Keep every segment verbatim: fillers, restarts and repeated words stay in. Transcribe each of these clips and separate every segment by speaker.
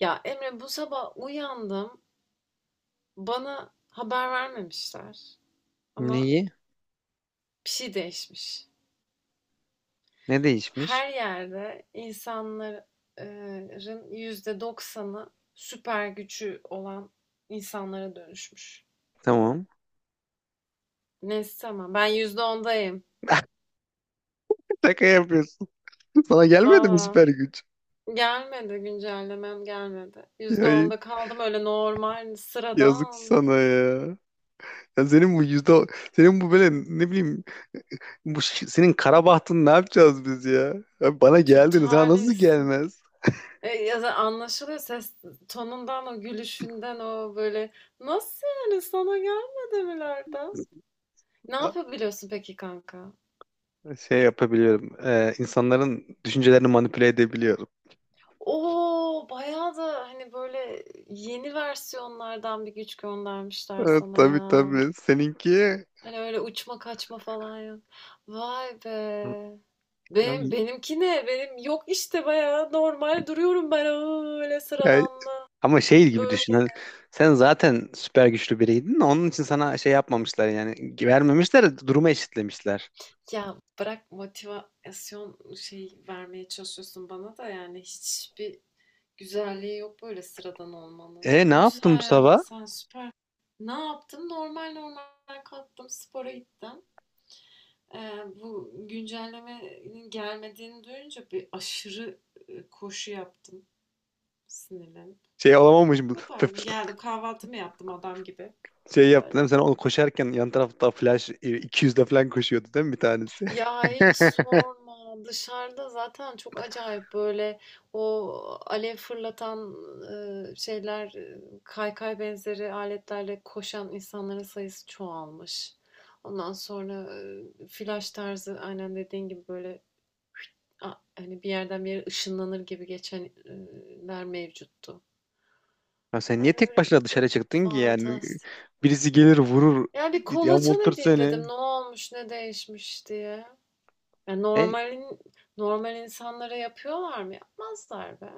Speaker 1: Ya Emre bu sabah uyandım. Bana haber vermemişler. Ama
Speaker 2: Neyi?
Speaker 1: bir şey değişmiş.
Speaker 2: Ne değişmiş?
Speaker 1: Her yerde insanların yüzde doksanı süper gücü olan insanlara dönüşmüş.
Speaker 2: Tamam.
Speaker 1: Neyse tamam. Ben yüzde ondayım.
Speaker 2: Şaka yapıyorsun. Sana gelmedi mi
Speaker 1: Valla
Speaker 2: süper güç?
Speaker 1: gelmedi güncellemem gelmedi. Yüzde
Speaker 2: Ya
Speaker 1: onda kaldım öyle normal
Speaker 2: yazık
Speaker 1: sıradan.
Speaker 2: sana ya. Ya senin bu yüzde senin bu böyle ne bileyim, bu ş- senin kara bahtın, ne yapacağız biz ya? Ya bana
Speaker 1: Çok
Speaker 2: geldin, sana nasıl
Speaker 1: talihsiz.
Speaker 2: gelmez?
Speaker 1: E, ya da anlaşılıyor ses tonundan, o gülüşünden, o böyle nasıl yani sana gelmedi milerden. Ne
Speaker 2: A-
Speaker 1: yapabiliyorsun peki kanka?
Speaker 2: Şey yapabiliyorum. e, insanların düşüncelerini manipüle edebiliyorum.
Speaker 1: Oo bayağı da hani böyle yeni versiyonlardan bir güç göndermişler
Speaker 2: Evet,
Speaker 1: sana
Speaker 2: tabii
Speaker 1: ya.
Speaker 2: tabii. Seninki
Speaker 1: Hani öyle uçma kaçma falan yok. Vay be. Benim,
Speaker 2: Abi,
Speaker 1: benimki ne? Benim yok işte bayağı normal duruyorum ben öyle
Speaker 2: ya,
Speaker 1: sıradanla.
Speaker 2: ama şey gibi düşün, hani sen zaten süper güçlü biriydin. Onun için sana şey yapmamışlar yani. Vermemişler, durumu eşitlemişler.
Speaker 1: Ya bırak motivasyon şey vermeye çalışıyorsun bana da yani hiçbir güzelliği yok böyle sıradan olmanın.
Speaker 2: E, ne
Speaker 1: Ne
Speaker 2: yaptın bu
Speaker 1: güzel ya
Speaker 2: sabah?
Speaker 1: sen süper. Ne yaptım? Normal normal kalktım spora gittim. Ee, bu güncellemenin gelmediğini duyunca bir aşırı e, koşu yaptım sinirlenip.
Speaker 2: Şey olamamış bu.
Speaker 1: Bu kadar. Geldim kahvaltımı yaptım adam gibi.
Speaker 2: Şey yaptın değil mi?
Speaker 1: Böyle.
Speaker 2: Sen onu koşarken yan tarafta flash iki yüzde falan koşuyordu değil mi bir tanesi?
Speaker 1: Ya hiç sorma. Dışarıda zaten çok acayip böyle o alev fırlatan e, şeyler, e, kaykay benzeri aletlerle koşan insanların sayısı çoğalmış. Ondan sonra e, flash tarzı aynen dediğin gibi böyle a- hani bir yerden bir yere ışınlanır gibi geçenler mevcuttu.
Speaker 2: Ya sen niye
Speaker 1: Yani
Speaker 2: tek
Speaker 1: öyle
Speaker 2: başına dışarı çıktın ki yani?
Speaker 1: fantastik.
Speaker 2: Birisi gelir vurur,
Speaker 1: Ya bir kolaçan
Speaker 2: yamultur
Speaker 1: edeyim dedim.
Speaker 2: seni.
Speaker 1: Ne olmuş, ne değişmiş diye. Ya
Speaker 2: E,
Speaker 1: normalin normal insanlara yapıyorlar mı? Yapmazlar be.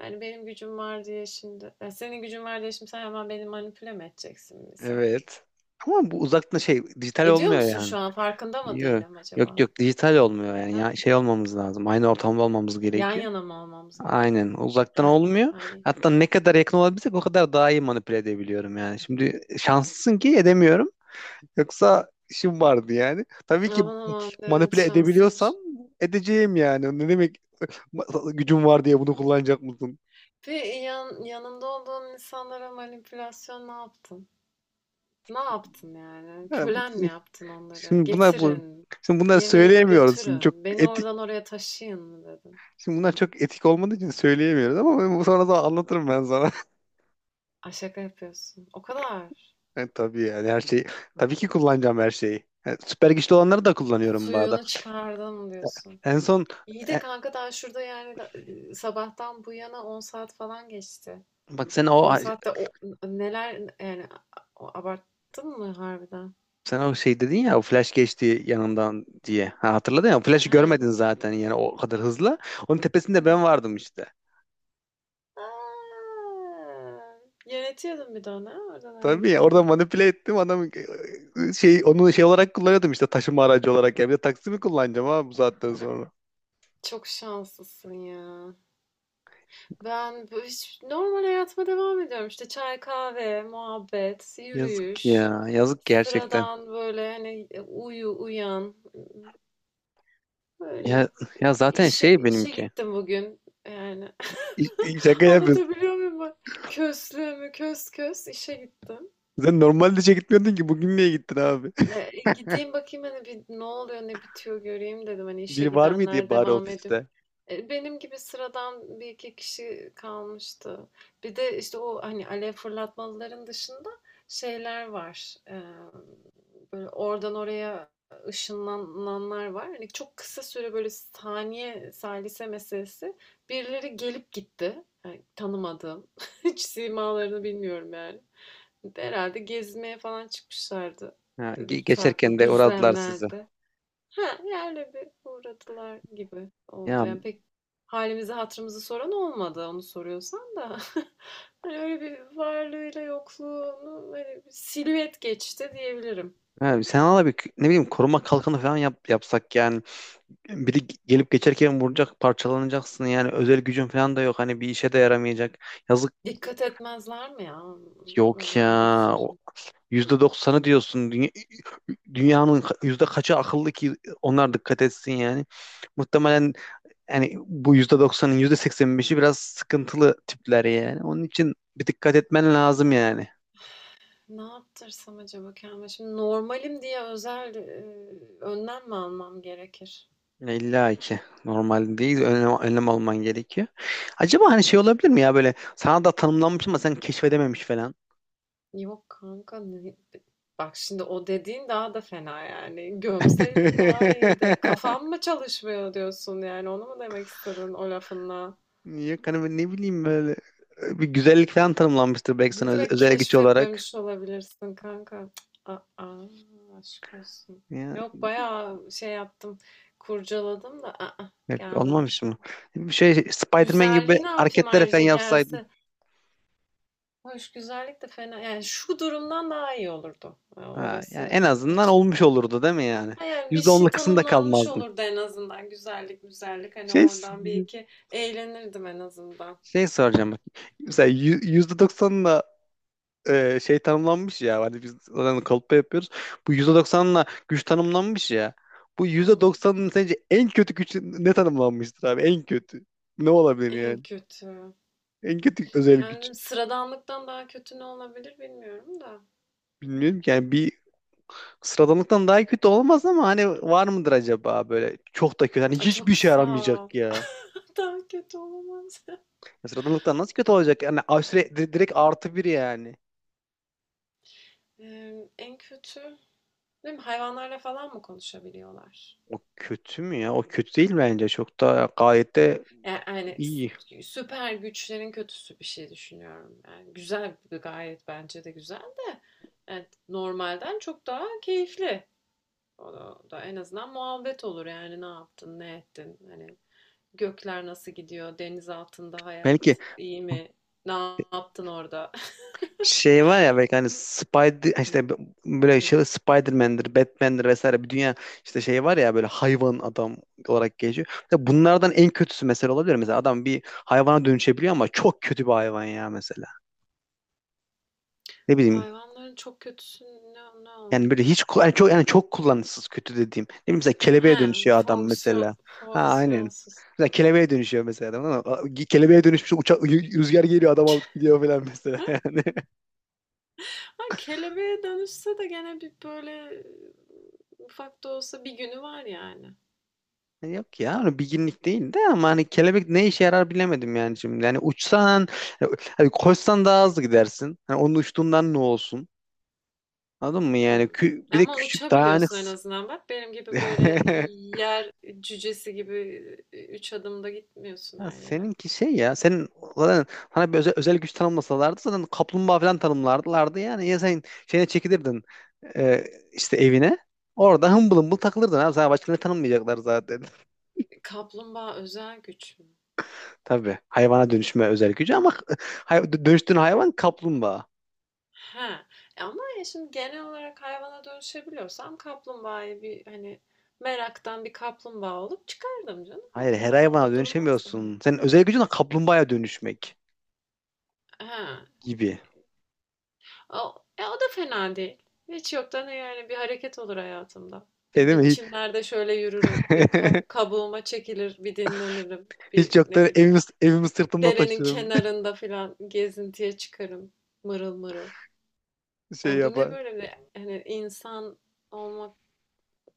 Speaker 1: Yani benim gücüm var diye şimdi. Ya senin gücün var diye şimdi sen hemen beni manipüle mi edeceksin misal?
Speaker 2: evet. Ama bu uzaktan şey, dijital
Speaker 1: Ediyor
Speaker 2: olmuyor
Speaker 1: musun
Speaker 2: yani.
Speaker 1: şu an? Farkında mı
Speaker 2: Yok,
Speaker 1: değilim
Speaker 2: yok,
Speaker 1: acaba?
Speaker 2: yok, dijital olmuyor yani.
Speaker 1: Ha?
Speaker 2: Ya şey olmamız lazım, aynı ortamda olmamız
Speaker 1: Yan
Speaker 2: gerekiyor.
Speaker 1: yana mı almamız gerek?
Speaker 2: Aynen, uzaktan
Speaker 1: Ha.
Speaker 2: olmuyor.
Speaker 1: Ay.
Speaker 2: Hatta ne kadar yakın olabilsek o kadar daha iyi manipüle edebiliyorum yani. Şimdi şanslısın ki edemiyorum. Yoksa işim vardı yani. Tabii ki
Speaker 1: Aman aman. Evet
Speaker 2: manipüle edebiliyorsam
Speaker 1: şanslıymışım.
Speaker 2: edeceğim yani. Ne demek ma- gücüm var diye bunu kullanacak mısın?
Speaker 1: Ve yan, yanında olduğun insanlara manipülasyon ne yaptın? Ne yaptın yani?
Speaker 2: Yani bu,
Speaker 1: Kölen mi yaptın onları?
Speaker 2: şimdi bunlar bu
Speaker 1: Getirin.
Speaker 2: şimdi bunları
Speaker 1: Yemeğimi
Speaker 2: söyleyemiyoruz. Şimdi çok
Speaker 1: götürün. Beni
Speaker 2: etik
Speaker 1: oradan oraya taşıyın mı dedin?
Speaker 2: Şimdi bunlar çok etik olmadığı için söyleyemiyoruz ama ben- sonra da anlatırım ben sana.
Speaker 1: Ay şaka yapıyorsun. O kadar.
Speaker 2: E, tabii, yani her şeyi. Tabii ki kullanacağım her şeyi. E, süper güçlü olanları da kullanıyorum bu arada.
Speaker 1: Suyunu çıkardım diyorsun.
Speaker 2: En son,
Speaker 1: İyi de
Speaker 2: e,
Speaker 1: kanka daha şurada yani da- e, sabahtan bu yana on saat falan geçti.
Speaker 2: bak sen o
Speaker 1: On saatte o neler yani a- abarttın mı harbiden?
Speaker 2: sen o şey dedin ya, o flash geçti yanından diye. Ha, hatırladın ya, o flash'ı
Speaker 1: He.
Speaker 2: görmedin zaten yani, o kadar hızlı. Onun tepesinde
Speaker 1: Hı.
Speaker 2: ben vardım işte.
Speaker 1: Aa, yönetiyordun bir de onu ha, oradan oraya
Speaker 2: Tabii ya, orada
Speaker 1: gitti.
Speaker 2: manipüle ettim adam, e, şey, onu şey olarak kullanıyordum işte, taşıma aracı olarak. Ya bir de taksi mi kullanacağım abi bu saatten sonra?
Speaker 1: Çok şanslısın ya. Ben bu- hiç normal hayatıma devam ediyorum. İşte çay, kahve, muhabbet,
Speaker 2: Yazık
Speaker 1: yürüyüş.
Speaker 2: ya, yazık gerçekten.
Speaker 1: Sıradan böyle hani e, uyu, uyan.
Speaker 2: Ya,
Speaker 1: Böyle.
Speaker 2: ya zaten
Speaker 1: İşe,
Speaker 2: şey
Speaker 1: işe
Speaker 2: benimki.
Speaker 1: gittim bugün. Yani
Speaker 2: İ- Şaka yapıyorsun.
Speaker 1: anlatabiliyor muyum, ben? Köslüğümü kös kös işe gittim.
Speaker 2: Sen normalde işe gitmiyordun ki, bugün niye gittin abi?
Speaker 1: E, gideyim bakayım hani bir ne oluyor ne bitiyor göreyim dedim. Hani işe
Speaker 2: Biri var mıydı ya
Speaker 1: gidenler
Speaker 2: bari
Speaker 1: devam ediyor.
Speaker 2: ofiste?
Speaker 1: Eee, benim gibi sıradan bir iki kişi kalmıştı. Bir de, işte, o, hani, alev fırlatmalıların dışında şeyler var. Emm, böyle oradan oraya ışınlananlar var. Hani, çok kısa süre, böyle, saniye, salise meselesi. Birileri gelip gitti. Hani, tanımadığım. Hiç simalarını bilmiyorum yani. Herhalde gezmeye falan çıkmışlardı,
Speaker 2: Ha,
Speaker 1: eee,
Speaker 2: ge- geçerken
Speaker 1: farklı
Speaker 2: de uğradılar sizi.
Speaker 1: düzlemlerde. Ha, yerle bir uğradılar gibi oldu.
Speaker 2: Ya,
Speaker 1: Yani pek halimizi hatırımızı soran olmadı onu soruyorsan da. Hani öyle bir varlığıyla yokluğunu böyle bir silüet geçti diyebilirim.
Speaker 2: ha, sen ala bir, ne bileyim, koruma kalkanı falan yap, yapsak yani. Biri ge- gelip geçerken vuracak, parçalanacaksın yani. Özel gücün falan da yok. Hani bir işe de yaramayacak. Yazık,
Speaker 1: Dikkat etmezler mi ya
Speaker 2: yok ya.
Speaker 1: özel güç
Speaker 2: O,
Speaker 1: sözü?
Speaker 2: yüzde doksanı diyorsun. Dünya, dünyanın ka- yüzde kaçı akıllı ki onlar dikkat etsin yani? Muhtemelen, yani bu yüzde doksanın yüzde seksen beşi biraz sıkıntılı tipler yani. Onun için bir dikkat etmen lazım yani.
Speaker 1: Ne yaptırsam acaba kendime? Şimdi normalim diye özel e, önlem mi almam gerekir?
Speaker 2: Ya, İlla ki normal değil, önlem, önlem alman gerekiyor. Acaba hani şey olabilir mi ya, böyle sana da tanımlanmış ama sen keşfedememiş falan.
Speaker 1: Yok kanka ne- bak şimdi o dediğin daha da fena yani. Gömseydin daha iyiydi. Kafam mı çalışmıyor diyorsun yani onu mu demek istedin o lafınla?
Speaker 2: Yok, hani ben ne bileyim, böyle bir güzellik falan tanımlanmıştır belki sana
Speaker 1: Ne
Speaker 2: öz-
Speaker 1: demek
Speaker 2: özel güç olarak.
Speaker 1: keşfetmemiş olabilirsin kanka? Cık, aa, aşk olsun.
Speaker 2: Ya,
Speaker 1: Yok bayağı şey yaptım kurcaladım da aa,
Speaker 2: yok, olmamış
Speaker 1: gelmemiş.
Speaker 2: mı? Bir şey, Spider-Man gibi
Speaker 1: Güzelliği ne yapayım
Speaker 2: hareketler falan
Speaker 1: ayrıca
Speaker 2: yapsaydın.
Speaker 1: gelse. Hoş güzellik de fena yani şu durumdan daha iyi olurdu. Yani
Speaker 2: Ha, yani
Speaker 1: orası
Speaker 2: en azından
Speaker 1: açık.
Speaker 2: olmuş olurdu değil mi yani?
Speaker 1: Ha, yani bir
Speaker 2: Yüzde onla
Speaker 1: şey
Speaker 2: kısımda
Speaker 1: tanımlanmış
Speaker 2: kalmazdın.
Speaker 1: olurdu en azından. Güzellik, güzellik. Hani
Speaker 2: Şey,
Speaker 1: oradan bir iki eğlenirdim en azından.
Speaker 2: şey soracağım bak. Mesela yü- yüzde doksanla e, şey tanımlanmış ya. Hani biz zaten kalıpta yapıyoruz. Bu yüzde doksanla güç tanımlanmış ya. Bu
Speaker 1: Hmm,
Speaker 2: yüzde doksanın sence en kötü güç ne tanımlanmıştır abi? En kötü. Ne olabilir
Speaker 1: en
Speaker 2: yani?
Speaker 1: kötü.
Speaker 2: En kötü özel güç.
Speaker 1: Yani sıradanlıktan daha kötü ne olabilir bilmiyorum da.
Speaker 2: Bilmiyorum ki. Yani bir sıradanlıktan daha kötü olamaz ama hani var mıdır acaba, böyle çok da kötü? Hani
Speaker 1: Ay
Speaker 2: hiçbir
Speaker 1: çok
Speaker 2: şey
Speaker 1: sağ ol.
Speaker 2: aramayacak ya.
Speaker 1: Daha kötü olamaz.
Speaker 2: Ya, sıradanlıktan nasıl kötü olacak? Yani aşure, di- direkt artı bir yani.
Speaker 1: Ee, en kötü. Değil mi? Hayvanlarla falan mı konuşabiliyorlar?
Speaker 2: O kötü mü ya? O kötü değil bence. Çok da, gayet de
Speaker 1: Yani, yani
Speaker 2: iyi.
Speaker 1: s- süper güçlerin kötüsü bir şey düşünüyorum. Yani güzel gayet bence de güzel de. Yani normalden çok daha keyifli. O da, o da en azından muhabbet olur yani ne yaptın, ne ettin? Hani gökler nasıl gidiyor? Deniz altında hayat
Speaker 2: Belki
Speaker 1: iyi mi? Ne yaptın orada?
Speaker 2: şey var ya, belki hani Spider işte, böyle şey, Spider-Man'dir, Batman'dir vesaire bir dünya işte şey var ya, böyle hayvan adam olarak geçiyor. Mesela bunlardan en kötüsü mesela olabilir. Mesela adam bir hayvana dönüşebiliyor ama çok kötü bir hayvan ya mesela. Ne bileyim,
Speaker 1: Hayvanların çok kötüsü ne, ne
Speaker 2: yani böyle hiç
Speaker 1: olabilir?
Speaker 2: ku- yani çok yani çok kullanışsız, kötü dediğim. Ne bileyim, mesela kelebeğe
Speaker 1: He,
Speaker 2: dönüşüyor adam
Speaker 1: fonksiyon
Speaker 2: mesela. Ha aynen.
Speaker 1: fonksiyonsuz.
Speaker 2: Mesela kelebeğe dönüşüyor mesela adam ama kelebeğe dönüşmüş uçak, rüzgar geliyor adam alıp gidiyor falan mesela,
Speaker 1: Ha,
Speaker 2: yani.
Speaker 1: ha, kelebeğe dönüşse de gene bir böyle ufak da olsa bir günü var yani.
Speaker 2: Yok ya, onu bilginlik değil de ama hani kelebek ne işe yarar bilemedim yani şimdi. Yani uçsan, hani koşsan daha hızlı gidersin. Hani onun uçtuğundan ne olsun? Anladın mı yani?
Speaker 1: Hmm.
Speaker 2: Kü- bir de
Speaker 1: Ama
Speaker 2: küçük, dayanık.
Speaker 1: uçabiliyorsun en azından bak. Benim gibi böyle yer cücesi gibi üç adımda gitmiyorsun
Speaker 2: Ya
Speaker 1: her yere.
Speaker 2: seninki şey, ya senin zaten, sana bir özel, özel güç tanımlasalardı zaten kaplumbağa falan tanımlardılardı yani. Ya sen şeyine çekilirdin, e, işte evine, orada hımbıl hımbıl takılırdın abi. Sana başka ne tanımlayacaklar zaten?
Speaker 1: Kaplumbağa özel güç mü?
Speaker 2: Tabii, hayvana dönüşme özel gücü ama hay- dönüştüğün hayvan kaplumbağa.
Speaker 1: Ha. E ama ya şimdi genel olarak hayvana dönüşebiliyorsam kaplumbağayı bir hani meraktan bir kaplumbağa olup çıkardım canım. O
Speaker 2: Hayır, her
Speaker 1: kadar
Speaker 2: hayvana
Speaker 1: orada durmazdım yani.
Speaker 2: dönüşemiyorsun. Senin özel gücün de kaplumbağaya dönüşmek
Speaker 1: Ha.
Speaker 2: gibi.
Speaker 1: O, e o da fena değil. Hiç yoktan yani bir hareket olur hayatımda.
Speaker 2: Şey
Speaker 1: Bir,
Speaker 2: değil
Speaker 1: bir
Speaker 2: mi?
Speaker 1: çimlerde şöyle yürürüm, bir kab- kabuğuma çekilir, bir dinlenirim, bir
Speaker 2: Hiç
Speaker 1: ne
Speaker 2: yoktan
Speaker 1: bileyim
Speaker 2: evimi, evimi sırtımda
Speaker 1: derenin
Speaker 2: taşırım.
Speaker 1: kenarında filan gezintiye çıkarım mırıl mırıl.
Speaker 2: Şey
Speaker 1: Yani bu ne
Speaker 2: yapar.
Speaker 1: böyle bir hani insan olmak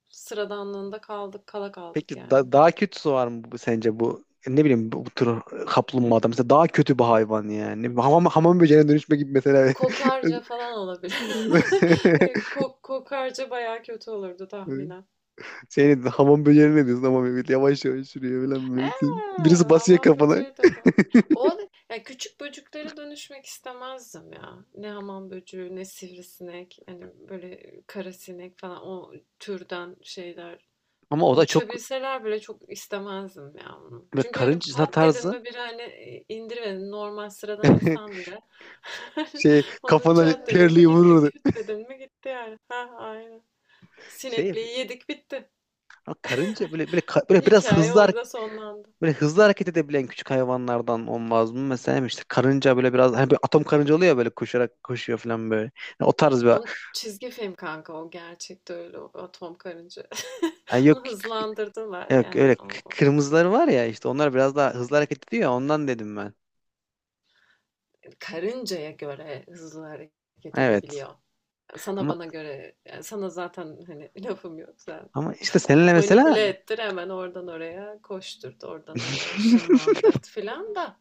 Speaker 1: sıradanlığında kaldık, kala kaldık
Speaker 2: Peki da-
Speaker 1: yani.
Speaker 2: daha kötüsü var mı bu, sence bu? Ne bileyim, bu, bu tür kaplumbağada mesela daha kötü bir hayvan yani. Ne bileyim, Hamam, hamam böceğine dönüşme gibi mesela.
Speaker 1: Kokarca falan olabilir. Ko- kokarca bayağı kötü olurdu tahminen.
Speaker 2: Senin hamam böceğine ne diyorsun, ama böyle yavaş yavaş yürüyor falan böyle. Birisi
Speaker 1: Eee,
Speaker 2: basıyor
Speaker 1: hamam
Speaker 2: kafana.
Speaker 1: böceği de ben. O ya küçük böcüklere dönüşmek istemezdim ya. Ne hamam böceği, ne sivrisinek, hani böyle karasinek falan o türden şeyler.
Speaker 2: Ama o da çok
Speaker 1: Uçabilseler bile çok istemezdim ya onu.
Speaker 2: böyle
Speaker 1: Çünkü hani
Speaker 2: karınca
Speaker 1: pat dedin
Speaker 2: tarzı,
Speaker 1: mi biri hani indirmedin normal sıradan insan bile.
Speaker 2: şey,
Speaker 1: Onun
Speaker 2: kafana
Speaker 1: çat dedin mi
Speaker 2: terliği
Speaker 1: gitti,
Speaker 2: vurur.
Speaker 1: küt dedin mi gitti yani. Ha aynen.
Speaker 2: Şey,
Speaker 1: Sinekliği yedik bitti.
Speaker 2: ama karınca böyle böyle ka- böyle biraz
Speaker 1: Hikaye
Speaker 2: hızlı hare-
Speaker 1: orada sonlandı.
Speaker 2: böyle hızlı hareket edebilen küçük hayvanlardan olmaz mı? Mesela işte karınca böyle biraz, hani, bir atom karınca oluyor ya böyle, koşarak koşuyor falan böyle. Yani o tarz bir,
Speaker 1: Onun çizgi film kanka o gerçekte öyle o atom karınca.
Speaker 2: yani yok
Speaker 1: Onu
Speaker 2: k-
Speaker 1: hızlandırdılar
Speaker 2: yok
Speaker 1: yani
Speaker 2: öyle k-
Speaker 1: o o
Speaker 2: kırmızıları var ya işte, onlar biraz daha hızlı hareket ediyor ya, ondan dedim ben.
Speaker 1: karıncaya göre hızlı hareket
Speaker 2: Evet.
Speaker 1: edebiliyor. Sana
Speaker 2: Ama
Speaker 1: bana göre yani sana zaten hani lafım yok.
Speaker 2: ama işte seninle
Speaker 1: Manipüle
Speaker 2: mesela,
Speaker 1: ettir hemen oradan oraya koşturt, oradan oraya ışınlandırt filan da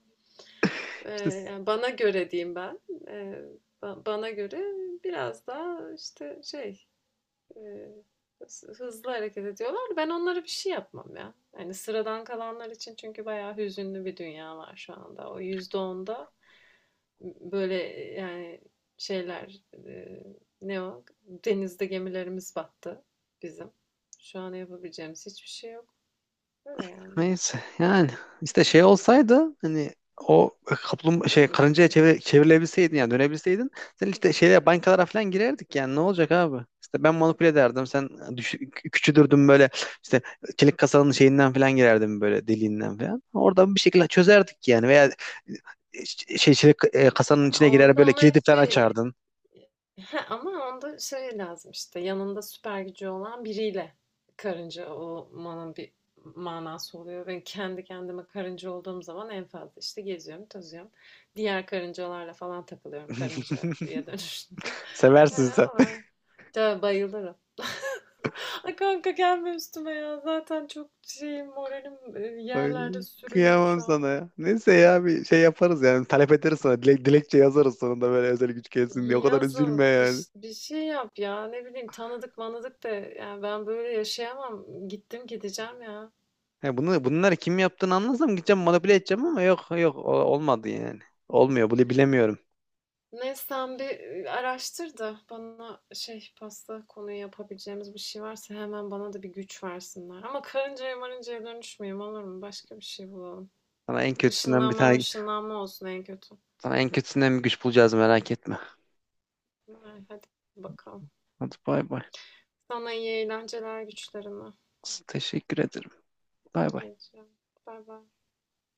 Speaker 1: e,
Speaker 2: işte,
Speaker 1: yani bana göre diyeyim ben. E, ba- bana göre biraz daha işte şey e, hı- hızlı hareket ediyorlar. Ben onlara bir şey yapmam ya. Yani sıradan kalanlar için çünkü bayağı hüzünlü bir dünya var şu anda. O yüzde onda böyle yani şeyler e, ne o? Denizde gemilerimiz battı bizim. Şu an yapabileceğimiz hiçbir şey yok. Öyle yani.
Speaker 2: neyse yani, işte şey olsaydı hani, o kaplum şey karıncaya çevir, çevrilebilseydin yani, dönebilseydin sen işte, şeyler, bankalara falan girerdik yani. Ne olacak abi? İşte ben manipüle ederdim, sen düş, küçülürdün böyle işte, çelik kasanın şeyinden falan girerdim böyle, deliğinden falan. Oradan bir şekilde çözerdik yani, veya şey, çelik e, kasanın içine girer,
Speaker 1: Onda
Speaker 2: böyle
Speaker 1: ama
Speaker 2: kilidi
Speaker 1: hep
Speaker 2: falan
Speaker 1: bir
Speaker 2: açardın.
Speaker 1: ama onda şey lazım işte yanında süper gücü olan biriyle karınca olmanın bir manası oluyor. Ben kendi kendime karınca olduğum zaman en fazla işte geziyorum, tozuyorum. Diğer karıncalarla falan takılıyorum karıncaya dönüştüm.
Speaker 2: Seversin
Speaker 1: Öyle
Speaker 2: sen.
Speaker 1: var. Ya bayılırım. Ay kanka gelme üstüme ya. Zaten çok şeyim moralim e, yerlerde
Speaker 2: Ay,
Speaker 1: sürünüyor
Speaker 2: kıyamam
Speaker 1: şu an.
Speaker 2: sana ya. Neyse ya, bir şey yaparız yani. Talep ederiz sana. Dilek, dilekçe yazarız sonunda, böyle özel güç gelsin diye. O kadar üzülme
Speaker 1: Yazın bir,
Speaker 2: yani.
Speaker 1: ş- bir şey yap ya ne bileyim tanıdık manadık da yani ben böyle yaşayamam gittim gideceğim ya.
Speaker 2: He, bunu, bunları kim yaptığını anlasam gideceğim, manipüle edeceğim ama yok, yok, o- olmadı yani. Olmuyor, bunu bilemiyorum.
Speaker 1: Neyse sen bir e, araştır da bana şey pasta konuyu yapabileceğimiz bir şey varsa hemen bana da bir güç versinler. Ama karıncaya marıncaya dönüşmeyeyim olur mu? Başka bir şey bulalım.
Speaker 2: Sana en kötüsünden bir
Speaker 1: Işınlanma
Speaker 2: tane
Speaker 1: ışınlanma olsun en kötü.
Speaker 2: sana en kötüsünden bir güç bulacağız, merak etme.
Speaker 1: Ay, hadi bakalım.
Speaker 2: Hadi bay bay.
Speaker 1: Sana iyi eğlenceler güçlerine.
Speaker 2: Teşekkür ederim. Bay
Speaker 1: Rica
Speaker 2: bay.
Speaker 1: ederim. Bay bay.